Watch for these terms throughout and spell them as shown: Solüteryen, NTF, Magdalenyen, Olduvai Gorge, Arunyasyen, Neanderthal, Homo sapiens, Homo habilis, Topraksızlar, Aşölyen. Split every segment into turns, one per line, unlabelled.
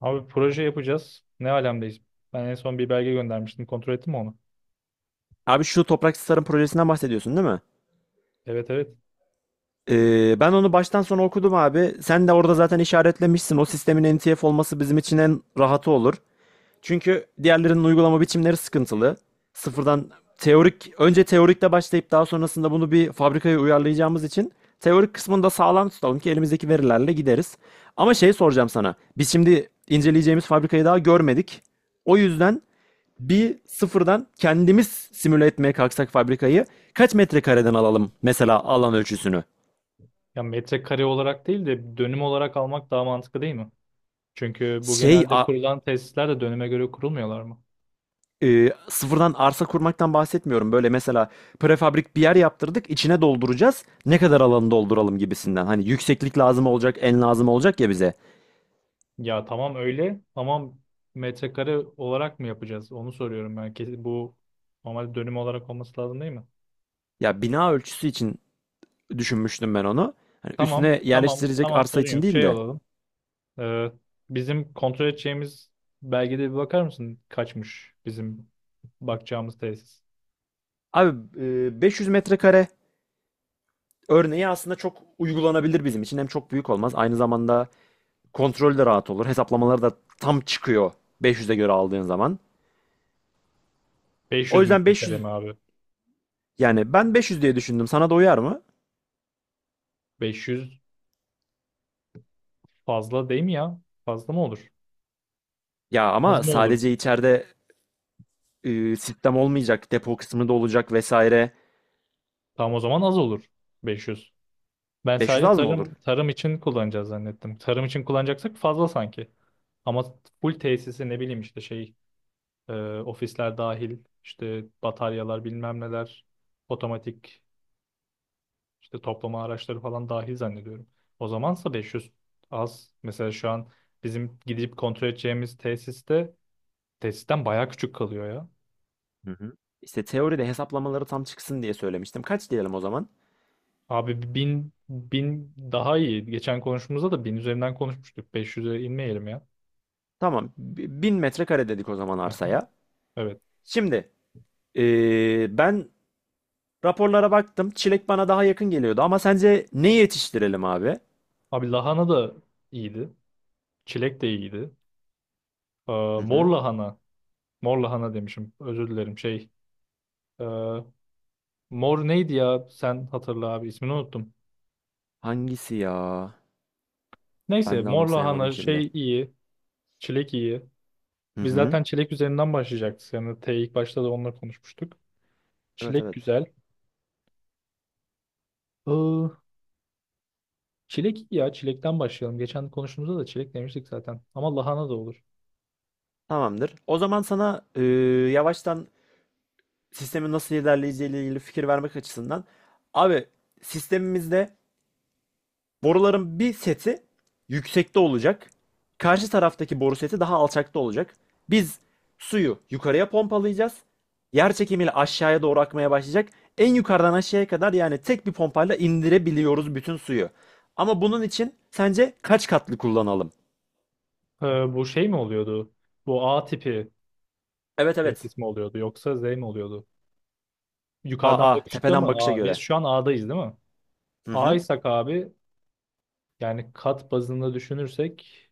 Abi proje yapacağız. Ne alemdeyiz? Ben en son bir belge göndermiştim. Kontrol ettin mi onu?
Abi şu Topraksızlar'ın projesinden bahsediyorsun değil mi?
Evet evet.
Ben onu baştan sona okudum abi. Sen de orada zaten işaretlemişsin. O sistemin NTF olması bizim için en rahatı olur. Çünkü diğerlerinin uygulama biçimleri sıkıntılı. Sıfırdan teorik, önce teorikle başlayıp daha sonrasında bunu bir fabrikaya uyarlayacağımız için teorik kısmını da sağlam tutalım ki elimizdeki verilerle gideriz. Ama şey soracağım sana. Biz şimdi inceleyeceğimiz fabrikayı daha görmedik. O yüzden bir sıfırdan kendimiz simüle etmeye kalksak fabrikayı, kaç metrekareden alalım mesela alan ölçüsünü?
Ya metrekare olarak değil de dönüm olarak almak daha mantıklı değil mi? Çünkü bu
Şey
genelde
a-
kurulan tesisler de dönüme göre kurulmuyorlar mı?
Sıfırdan arsa kurmaktan bahsetmiyorum. Böyle mesela prefabrik bir yer yaptırdık, içine dolduracağız. Ne kadar alanı dolduralım gibisinden. Hani yükseklik lazım olacak, en lazım olacak ya bize.
Ya tamam öyle ama metrekare olarak mı yapacağız? Onu soruyorum ben. Kesin bu normalde dönüm olarak olması lazım değil mi?
Ya bina ölçüsü için düşünmüştüm ben onu. Hani
Tamam
üstüne
tamam
yerleştirecek
tamam
arsa
sorun
için
yok.
değil
Şey
de.
olalım. Ee, bizim kontrol edeceğimiz belgede bir bakar mısın? Kaçmış bizim bakacağımız tesis.
Abi, 500 metrekare örneği aslında çok uygulanabilir bizim için. Hem çok büyük olmaz. Aynı zamanda kontrolü de rahat olur. Hesaplamaları da tam çıkıyor 500'e göre aldığın zaman. O
500
yüzden
metrekare
500,
mi abi?
yani ben 500 diye düşündüm. Sana da uyar mı?
500 fazla değil mi ya? Fazla mı olur?
Ya
Az
ama
mı olur?
sadece içeride sistem olmayacak, depo kısmı da olacak vesaire.
Tam o zaman az olur. 500. Ben
500
sadece
az mı olur?
tarım için kullanacağız zannettim. Tarım için kullanacaksak fazla sanki. Ama full tesisi ne bileyim işte şey e, ofisler dahil işte bataryalar bilmem neler otomatik işte toplama araçları falan dahil zannediyorum. O zamansa 500 az. Mesela şu an bizim gidip kontrol edeceğimiz tesisten bayağı küçük kalıyor ya.
Hı hı. İşte teoride hesaplamaları tam çıksın diye söylemiştim. Kaç diyelim o zaman?
Abi bin daha iyi. Geçen konuşmamızda da bin üzerinden konuşmuştuk. 500'e inmeyelim ya.
Tamam. 1000 metrekare dedik o zaman
Hı hı.
arsaya.
Evet.
Şimdi ben raporlara baktım. Çilek bana daha yakın geliyordu ama sence ne yetiştirelim abi?
Abi lahana da iyiydi. Çilek de iyiydi. Ee,
Hı
mor
hı.
lahana. Mor lahana demişim. Özür dilerim. Şey. e, Mor neydi ya? Sen hatırla abi. İsmini unuttum.
Hangisi ya?
Neyse.
Ben de
Mor
anımsayamadım
lahana
şimdi.
şey iyi. Çilek iyi.
Hı
Biz
hı.
zaten çilek üzerinden başlayacaktık. Yani ilk başta da onunla konuşmuştuk.
Evet
Çilek
evet.
güzel. Ee, Çilek iyi ya. Çilekten başlayalım. Geçen konuştuğumuzda da çilek demiştik zaten. Ama lahana da olur.
Tamamdır. O zaman sana yavaştan sistemin nasıl ilerleyeceğiyle ilgili fikir vermek açısından abi, sistemimizde boruların bir seti yüksekte olacak. Karşı taraftaki boru seti daha alçakta olacak. Biz suyu yukarıya pompalayacağız. Yer çekimiyle aşağıya doğru akmaya başlayacak. En yukarıdan aşağıya kadar yani tek bir pompayla indirebiliyoruz bütün suyu. Ama bunun için sence kaç katlı kullanalım?
Ee, bu şey mi oluyordu? Bu A tipi
Evet evet.
tesis mi oluyordu yoksa Z mi oluyordu? Yukarıdan
Aa,
bakışta mı?
tepeden bakışa
A. Biz
göre.
şu an A'dayız değil mi?
Hı hı.
A'ysak abi yani kat bazında düşünürsek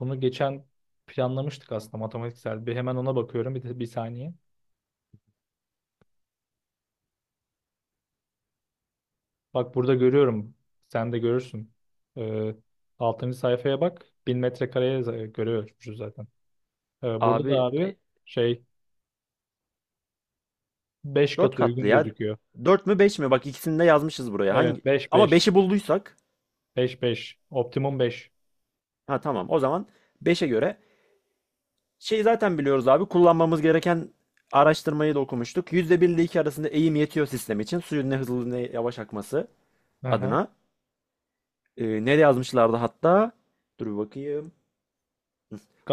bunu geçen planlamıştık aslında matematiksel. Bir hemen ona bakıyorum bir saniye. Bak burada görüyorum. Sen de görürsün. Ee, 6. sayfaya bak. Bin metrekareye görüyoruz zaten. Burada da
Abi,
abi şey beş
4
kat
katlı
uygun
ya.
gözüküyor.
Dört mü 5 mi? Bak ikisini de yazmışız buraya. Hangi?
Evet 5
Ama
5,
beşi bulduysak.
5 5, optimum 5.
Ha, tamam. O zaman beşe göre şey, zaten biliyoruz abi, kullanmamız gereken araştırmayı da okumuştuk. Yüzde bir ile 2 arasında eğim yetiyor sistem için. Suyun ne hızlı ne yavaş akması
Aha.
adına. Nereye yazmışlardı hatta? Dur bir bakayım.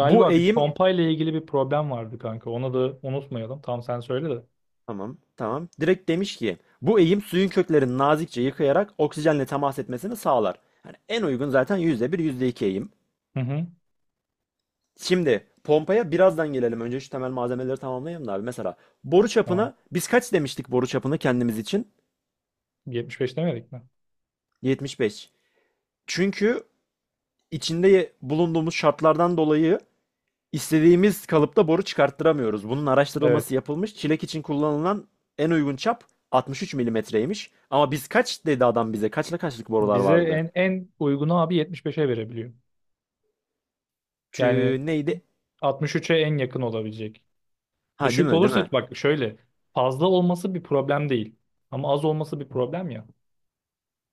Bu
bir
eğim,
pompa ile ilgili bir problem vardı kanka. Onu da unutmayalım. Tam sen söyle de.
tamam tamam. Direkt demiş ki bu eğim suyun köklerini nazikçe yıkayarak oksijenle temas etmesini sağlar. Yani en uygun zaten yüzde bir %2 eğim.
Hı hı.
Şimdi pompaya birazdan gelelim. Önce şu temel malzemeleri tamamlayalım da abi. Mesela boru
Tamam.
çapına biz kaç demiştik, boru çapını kendimiz için?
Yetmiş beş demedik mi?
75. Çünkü içinde bulunduğumuz şartlardan dolayı istediğimiz kalıpta boru çıkarttıramıyoruz. Bunun
Evet.
araştırılması yapılmış. Çilek için kullanılan en uygun çap 63 milimetreymiş. Ama biz kaç dedi adam bize? Kaçla kaçlık borular
Bize
vardı?
en uygunu abi yetmiş beş'e verebiliyor. Yani
Neydi?
altmış üç'e en yakın olabilecek.
Ha, değil
Düşük
mi? Değil mi?
olursa bak şöyle fazla olması bir problem değil. Ama az olması bir problem ya.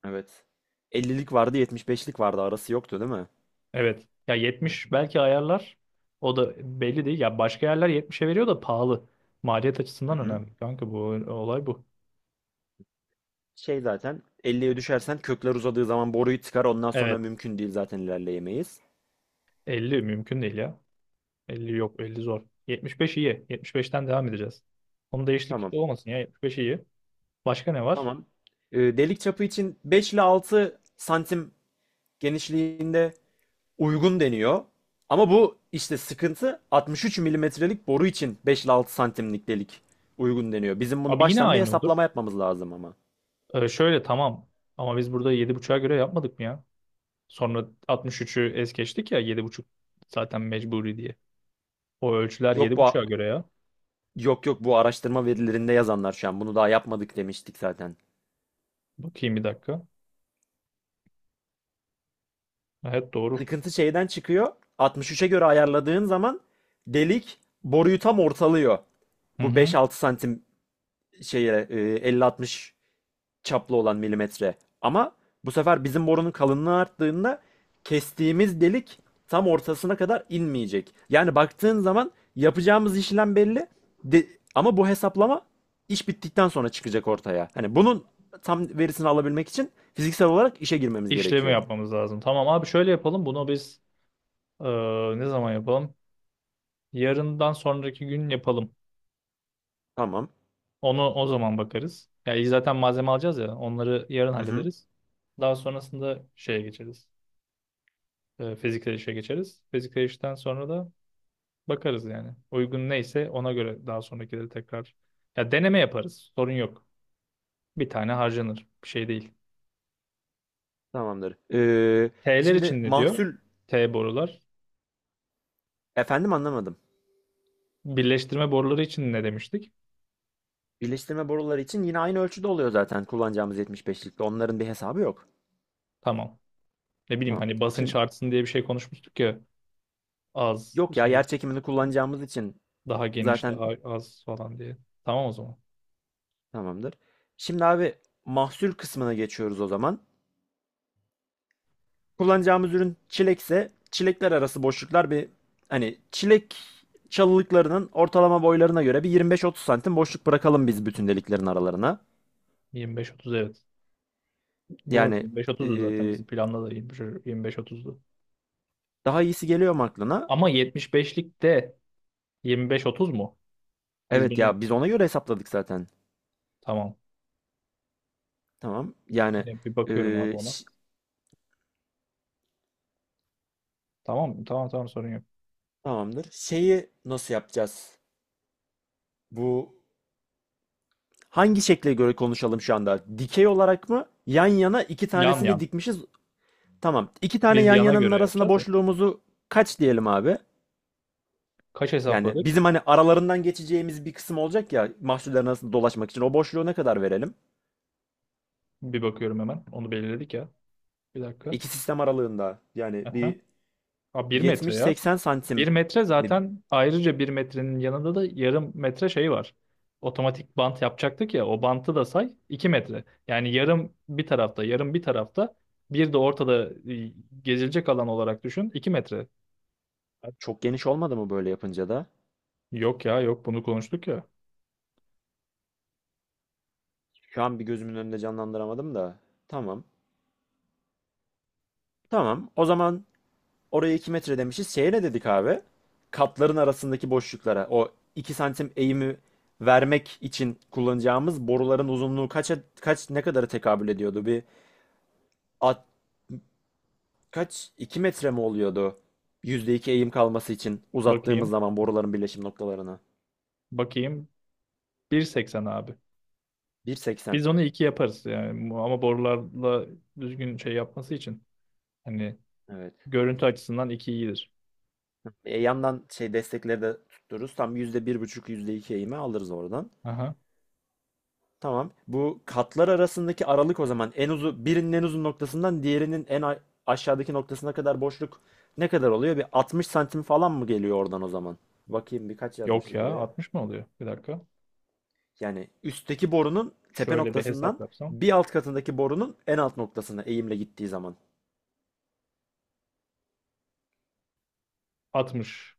Evet. 50'lik vardı, 75'lik vardı. Arası yoktu değil mi?
Evet. Ya 70 belki ayarlar. O da belli değil. Ya başka yerler 70'e veriyor da pahalı. Maliyet
Hı
açısından
hı.
önemli. Kanka bu olay bu.
Şey, zaten 50'ye düşersen kökler uzadığı zaman boruyu tıkar. Ondan sonra
Evet.
mümkün değil, zaten ilerleyemeyiz.
50 mümkün değil ya. 50 yok, 50 zor. 75 iyi. 75'ten devam edeceğiz. Onun değişiklik
Tamam.
olmasın ya. 75 iyi. Başka ne var?
Tamam. Delik çapı için 5 ile 6 santim genişliğinde uygun deniyor. Ama bu işte sıkıntı, 63 milimetrelik boru için 5 ile 6 santimlik delik uygun deniyor. Bizim bunu
Abi yine
baştan bir
aynı olur.
hesaplama yapmamız lazım ama.
Şöyle tamam. Ama biz burada 7,5'a göre yapmadık mı ya? Sonra 63'ü es geçtik ya yedi buçuk zaten mecburi diye. O ölçüler
Yok bu
7,5'a göre ya.
Yok yok, bu araştırma verilerinde yazanlar şu an, bunu daha yapmadık demiştik zaten.
Bakayım bir dakika. Evet doğru.
Sıkıntı şeyden çıkıyor. 63'e göre ayarladığın zaman delik boruyu tam ortalıyor.
Hı
Bu
hı.
5-6 santim şeye, 50-60 çaplı olan milimetre. Ama bu sefer bizim borunun kalınlığı arttığında kestiğimiz delik tam ortasına kadar inmeyecek. Yani baktığın zaman yapacağımız işlem belli. De- Ama bu hesaplama iş bittikten sonra çıkacak ortaya. Hani bunun tam verisini alabilmek için fiziksel olarak işe girmemiz
işlemi
gerekiyor.
yapmamız lazım. Tamam abi şöyle yapalım. Bunu biz e, ne zaman yapalım? Yarından sonraki gün yapalım.
Tamam.
Onu o zaman bakarız. Yani zaten malzeme alacağız ya. Onları yarın
Hı hı.
hallederiz. Daha sonrasında şeye geçeriz. Fiziksel işe geçeriz. Fiziksel işten sonra da bakarız yani. Uygun neyse ona göre daha sonrakileri tekrar. Ya deneme yaparız. Sorun yok. Bir tane harcanır. Bir şey değil.
Tamamdır.
T'ler
Şimdi
için ne diyor?
mahsul...
T borular.
Efendim, anlamadım.
Birleştirme boruları için ne demiştik?
Birleştirme boruları için yine aynı ölçüde oluyor zaten kullanacağımız 75'likte. Onların bir hesabı yok.
Tamam. Ne bileyim
Tamam.
hani basınç
Şimdi...
artsın diye bir şey konuşmuştuk ya az
Yok ya,
şey
yer çekimini kullanacağımız için
daha geniş
zaten
daha az falan diye. Tamam o zaman.
tamamdır. Şimdi abi, mahsul kısmına geçiyoruz o zaman. Kullanacağımız ürün çilekse, çilekler arası boşluklar bir hani çilek çalılıklarının ortalama boylarına göre bir 25-30 santim boşluk bırakalım biz bütün deliklerin aralarına.
25-30 evet. Doğru
Yani
25-30'du zaten
eee,
bizim planda da 25-30'du.
daha iyisi geliyor mu aklına?
Ama 75'lik de 25-30 mu? Biz
Evet
bunun
ya, biz ona göre hesapladık zaten.
tamam.
Tamam yani,
Bir bakıyorum abi
eee,
ona.
ş-
Tamam tamam tamam sorun yok.
tamamdır. Şeyi nasıl yapacağız? Bu... hangi şekle göre konuşalım şu anda? Dikey olarak mı? Yan yana iki
Yan
tanesini
yan.
dikmişiz. Tamam. İki tane
Biz
yan
yana
yananın
göre
arasına
yapacağız ya.
boşluğumuzu kaç diyelim abi?
Kaç
Yani
hesapladık?
bizim hani aralarından geçeceğimiz bir kısım olacak ya mahsullerin arasında dolaşmak için. O boşluğu ne kadar verelim?
Bir bakıyorum hemen. Onu belirledik ya. Bir dakika.
İki sistem aralığında yani
Aha.
bir
Aa, 1 metre ya.
70-80
Bir
santim
metre
mi?
zaten ayrıca bir metrenin yanında da yarım metre şey var. Otomatik bant yapacaktık ya o bantı da say 2 metre. Yani yarım bir tarafta yarım bir tarafta bir de ortada gezilecek alan olarak düşün 2 metre.
Abi, çok geniş olmadı mı böyle yapınca da?
Yok ya yok bunu konuştuk ya.
Şu an bir gözümün önünde canlandıramadım da. Tamam. Tamam. O zaman oraya 2 metre demişiz. Şeye ne dedik abi? Katların arasındaki boşluklara. O 2 santim eğimi vermek için kullanacağımız boruların uzunluğu kaça, kaç, ne kadara tekabül ediyordu? Bir at, kaç, 2 metre mi oluyordu? Yüzde iki eğim kalması için uzattığımız
Bakayım
zaman boruların birleşim noktalarını.
bakayım, bir seksen abi.
1.80.
Biz onu 2 yaparız yani ama borularla düzgün şey yapması için. Hani
Evet.
görüntü açısından 2 iyidir.
Yandan şey destekleri de tuttururuz. Tam yüzde bir buçuk %2 eğimi alırız oradan.
Aha.
Tamam. Bu katlar arasındaki aralık o zaman en uzun birinin en uzun noktasından diğerinin aşağıdaki noktasına kadar boşluk ne kadar oluyor? Bir 60 santim falan mı geliyor oradan o zaman? Bakayım birkaç
Yok
yazmışız
ya,
buraya.
altmış mı oluyor? Bir dakika.
Yani üstteki borunun tepe
Şöyle bir hesap
noktasından
yapsam.
bir alt katındaki borunun en alt noktasına eğimle gittiği zaman.
60.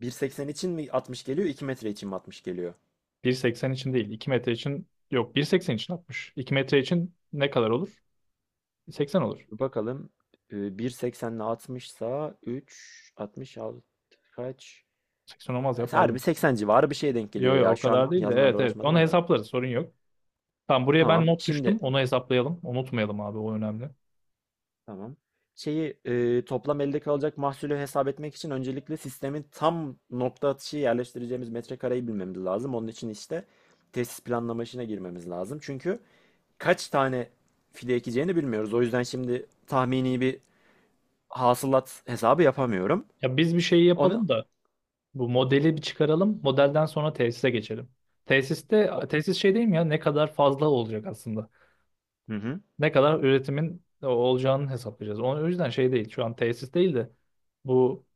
1.80 için mi 60 geliyor, 2 metre için mi 60 geliyor?
1,80 için değil. 2 metre için yok. 1,80 için 60. 2 metre için ne kadar olur? 80 olur.
Bakalım. 1.80 ile 60 sa 3, 66 kaç?
80 olmaz ya
Harbi
pardon.
80 civarı bir şeye denk
Yok
geliyor
yok
ya.
o
Şu an
kadar değil de
yazmayla
evet evet. Onu
uğraşmadım da.
hesaplarız sorun yok. Tamam buraya ben
Tamam.
not düştüm.
Şimdi,
Onu hesaplayalım. Unutmayalım abi, o önemli.
tamam. Şeyi, toplam elde kalacak mahsulü hesap etmek için öncelikle sistemin tam nokta atışı yerleştireceğimiz metrekareyi bilmemiz lazım. Onun için işte tesis planlama işine girmemiz lazım. Çünkü kaç tane fide ekeceğini bilmiyoruz. O yüzden şimdi tahmini bir hasılat hesabı yapamıyorum.
Ya biz bir şeyi
Onu
yapalım da bu modeli bir çıkaralım. Modelden sonra tesise geçelim. Tesiste
o-
tesis şey değil mi ya ne kadar fazla olacak aslında.
Hı hı,
Ne kadar üretimin olacağını hesaplayacağız. O yüzden şey değil. Şu an tesis değil de bu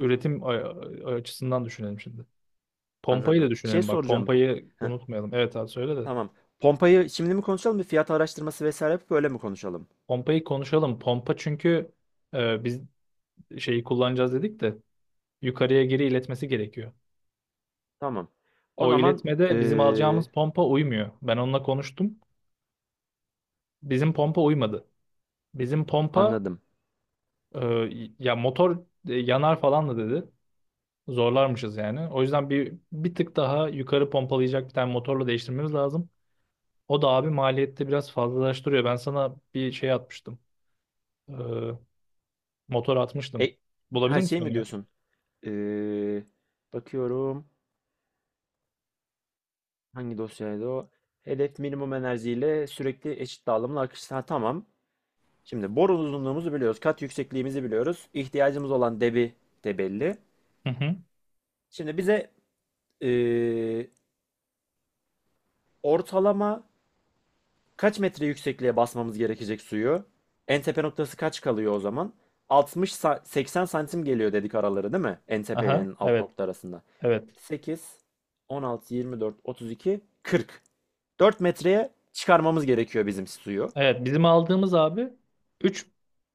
üretim açısından düşünelim şimdi. Pompayı
anladım.
da
Şey
düşünelim bak.
soracağım.
Pompayı
Heh,
unutmayalım. Evet abi söyle de.
tamam. Pompayı şimdi mi konuşalım, bir fiyat araştırması vesaire yapıp öyle mi konuşalım?
Pompayı konuşalım. Pompa çünkü biz şeyi kullanacağız dedik de yukarıya geri iletmesi gerekiyor.
Tamam. O
O
zaman
iletmede bizim alacağımız
eee,
pompa uymuyor. Ben onunla konuştum. Bizim pompa uymadı. Bizim pompa
anladım.
e, ya motor yanar falan da dedi. Zorlarmışız yani. O yüzden bir tık daha yukarı pompalayacak bir tane motorla değiştirmemiz lazım. O da abi maliyette biraz fazlalaştırıyor. Ben sana bir şey atmıştım. Ee, motor atmıştım.
E,
Bulabilir
ha, şey
misin onu
mi
ya?
diyorsun? Eee, Bakıyorum hangi dosyaydı o? Hedef minimum enerjiyle sürekli eşit dağılımlı akış. Ha, tamam. Şimdi boru uzunluğumuzu biliyoruz. Kat yüksekliğimizi biliyoruz. İhtiyacımız olan debi de belli.
Hı hı.
Şimdi bize eee, ortalama kaç metre yüksekliğe basmamız gerekecek suyu? En tepe noktası kaç kalıyor o zaman? 80 santim geliyor dedik araları değil mi? En tepe ile
Aha.
en alt
Evet.
nokta arasında.
Evet.
8, 16, 24, 32, 40. 4 metreye çıkarmamız gerekiyor bizim suyu.
Evet. Bizim aldığımız abi 3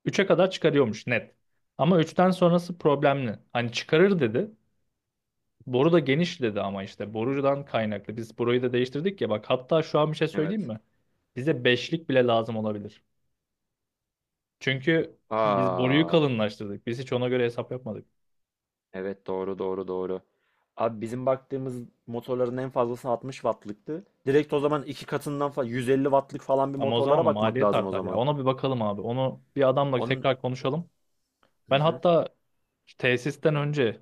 üçe kadar çıkarıyormuş net. Ama üçten sonrası problemli. Hani çıkarır dedi. Boru da geniş dedi ama işte borudan kaynaklı. Biz boruyu da değiştirdik ya bak, hatta şu an bir şey söyleyeyim
Evet.
mi? Bize beşlik bile lazım olabilir. Çünkü biz boruyu
Aa,
kalınlaştırdık. Biz hiç ona göre hesap yapmadık.
evet. Doğru, doğru, doğru. Abi bizim baktığımız motorların en fazlası 60 wattlıktı. Direkt o zaman iki katından falan 150 wattlık falan bir
Ama o zaman
motorlara
da
bakmak
maliyet
lazım o
artar ya.
zaman.
Ona bir bakalım abi. Onu bir adamla
Onun...
tekrar konuşalım.
Hı
Ben
hı.
hatta tesisten önce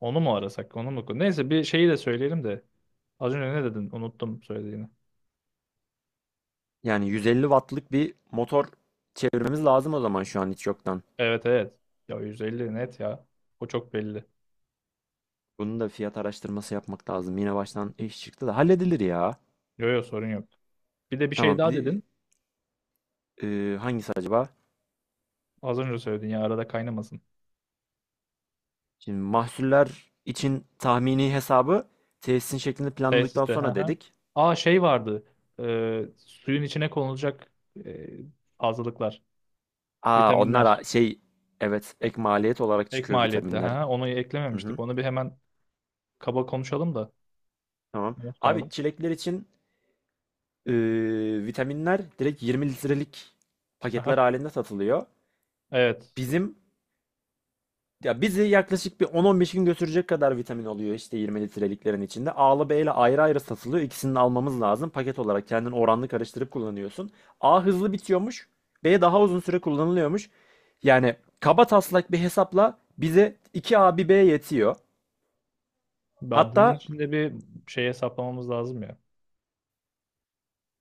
onu mu arasak, onu mu? Neyse bir şeyi de söyleyelim de. Az önce ne dedin? Unuttum söylediğini.
Yani 150 wattlık bir motor çevirmemiz lazım o zaman şu an hiç yoktan.
Evet evet. Ya 150 net ya. O çok belli.
Bunun da fiyat araştırması yapmak lazım. Yine baştan iş çıktı da halledilir ya.
Yo yo sorun yok. Bir de bir şey
Tamam.
daha dedin.
Hangisi acaba?
Az önce söyledin ya arada kaynamasın.
Şimdi mahsuller için tahmini hesabı tesisin şeklini planladıktan
Tesiste. Hı
sonra
hı.
dedik.
Aa şey vardı. Suyun içine konulacak e, fazlalıklar.
Aa, onlar
Vitaminler.
a- şey evet, ek maliyet olarak
Ek
çıkıyor
maliyette. Hı
vitaminler.
hı. Onu
Hı hı,
eklememiştik. Onu bir hemen kaba konuşalım da
tamam. Abi,
unutmayalım.
çilekler için e, vitaminler direkt 20 litrelik
Aha,
paketler halinde satılıyor.
evet.
Bizim... ya bizi yaklaşık bir 10-15 gün götürecek kadar vitamin oluyor işte 20 litreliklerin içinde. A'lı B'yle ayrı ayrı satılıyor. İkisini de almamız lazım. Paket olarak kendin oranlı karıştırıp kullanıyorsun. A hızlı bitiyormuş. B daha uzun süre kullanılıyormuş. Yani kaba taslak bir hesapla bize iki a bir B yetiyor.
Ya bunun
Hatta
için de bir şey hesaplamamız lazım ya.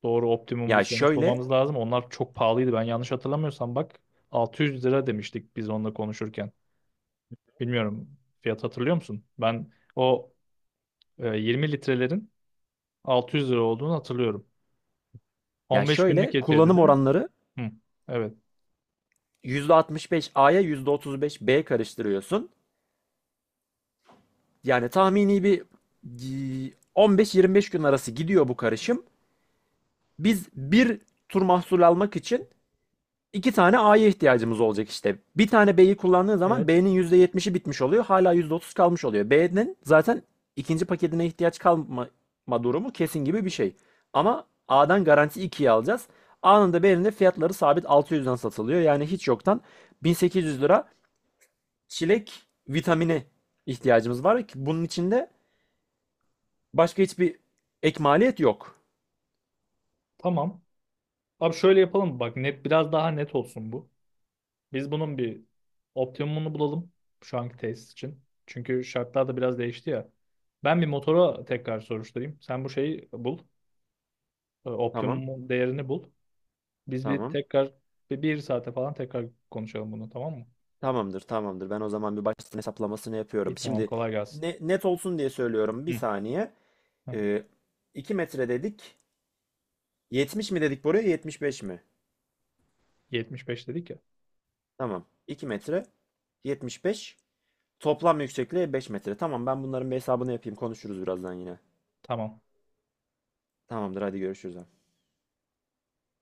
Doğru, optimum bir
ya
sonuç
şöyle
bulmamız lazım. Onlar çok pahalıydı. Ben yanlış hatırlamıyorsam bak 600 lira demiştik biz onunla konuşurken. Bilmiyorum. Fiyat hatırlıyor musun? Ben o 20 litrelerin 600 lira olduğunu hatırlıyorum.
ya
15
şöyle
günlük yetiyor
kullanım
dedin.
oranları
Hı, evet.
%65 A'ya %35 B karıştırıyorsun. Yani tahmini bir 15-25 gün arası gidiyor bu karışım. Biz bir tur mahsul almak için iki tane A'ya ihtiyacımız olacak işte. Bir tane B'yi kullandığın zaman
Evet.
B'nin %70'i bitmiş oluyor. Hala %30 kalmış oluyor. B'nin zaten ikinci paketine ihtiyaç kalma durumu kesin gibi bir şey. Ama A'dan garanti 2'yi alacağız. A'nın da B'nin de fiyatları sabit 600'den satılıyor. Yani hiç yoktan 1.800 lira çilek vitamini ihtiyacımız var ki bunun içinde başka hiçbir ek maliyet yok.
Tamam. Abi şöyle yapalım. Bak net, biraz daha net olsun bu. Biz bunun bir optimumunu bulalım şu anki tesis için. Çünkü şartlar da biraz değişti ya. Ben bir motora tekrar soruşturayım. Sen bu şeyi bul.
Tamam,
Optimum değerini bul. Biz bir
tamam.
tekrar bir saate falan tekrar konuşalım bunu tamam mı?
Tamamdır, tamamdır. Ben o zaman bir baştan hesaplamasını
İyi
yapıyorum.
tamam,
Şimdi
kolay gelsin.
net olsun diye söylüyorum. Bir
Hı.
saniye.
Hı.
Ee, 2 metre dedik. 70 mi dedik buraya? 75 mi?
75 dedik ya.
Tamam. 2 metre. 75. Toplam yüksekliği 5 metre. Tamam, ben bunların bir hesabını yapayım. Konuşuruz birazdan yine.
Tamam.
Tamamdır, hadi görüşürüz.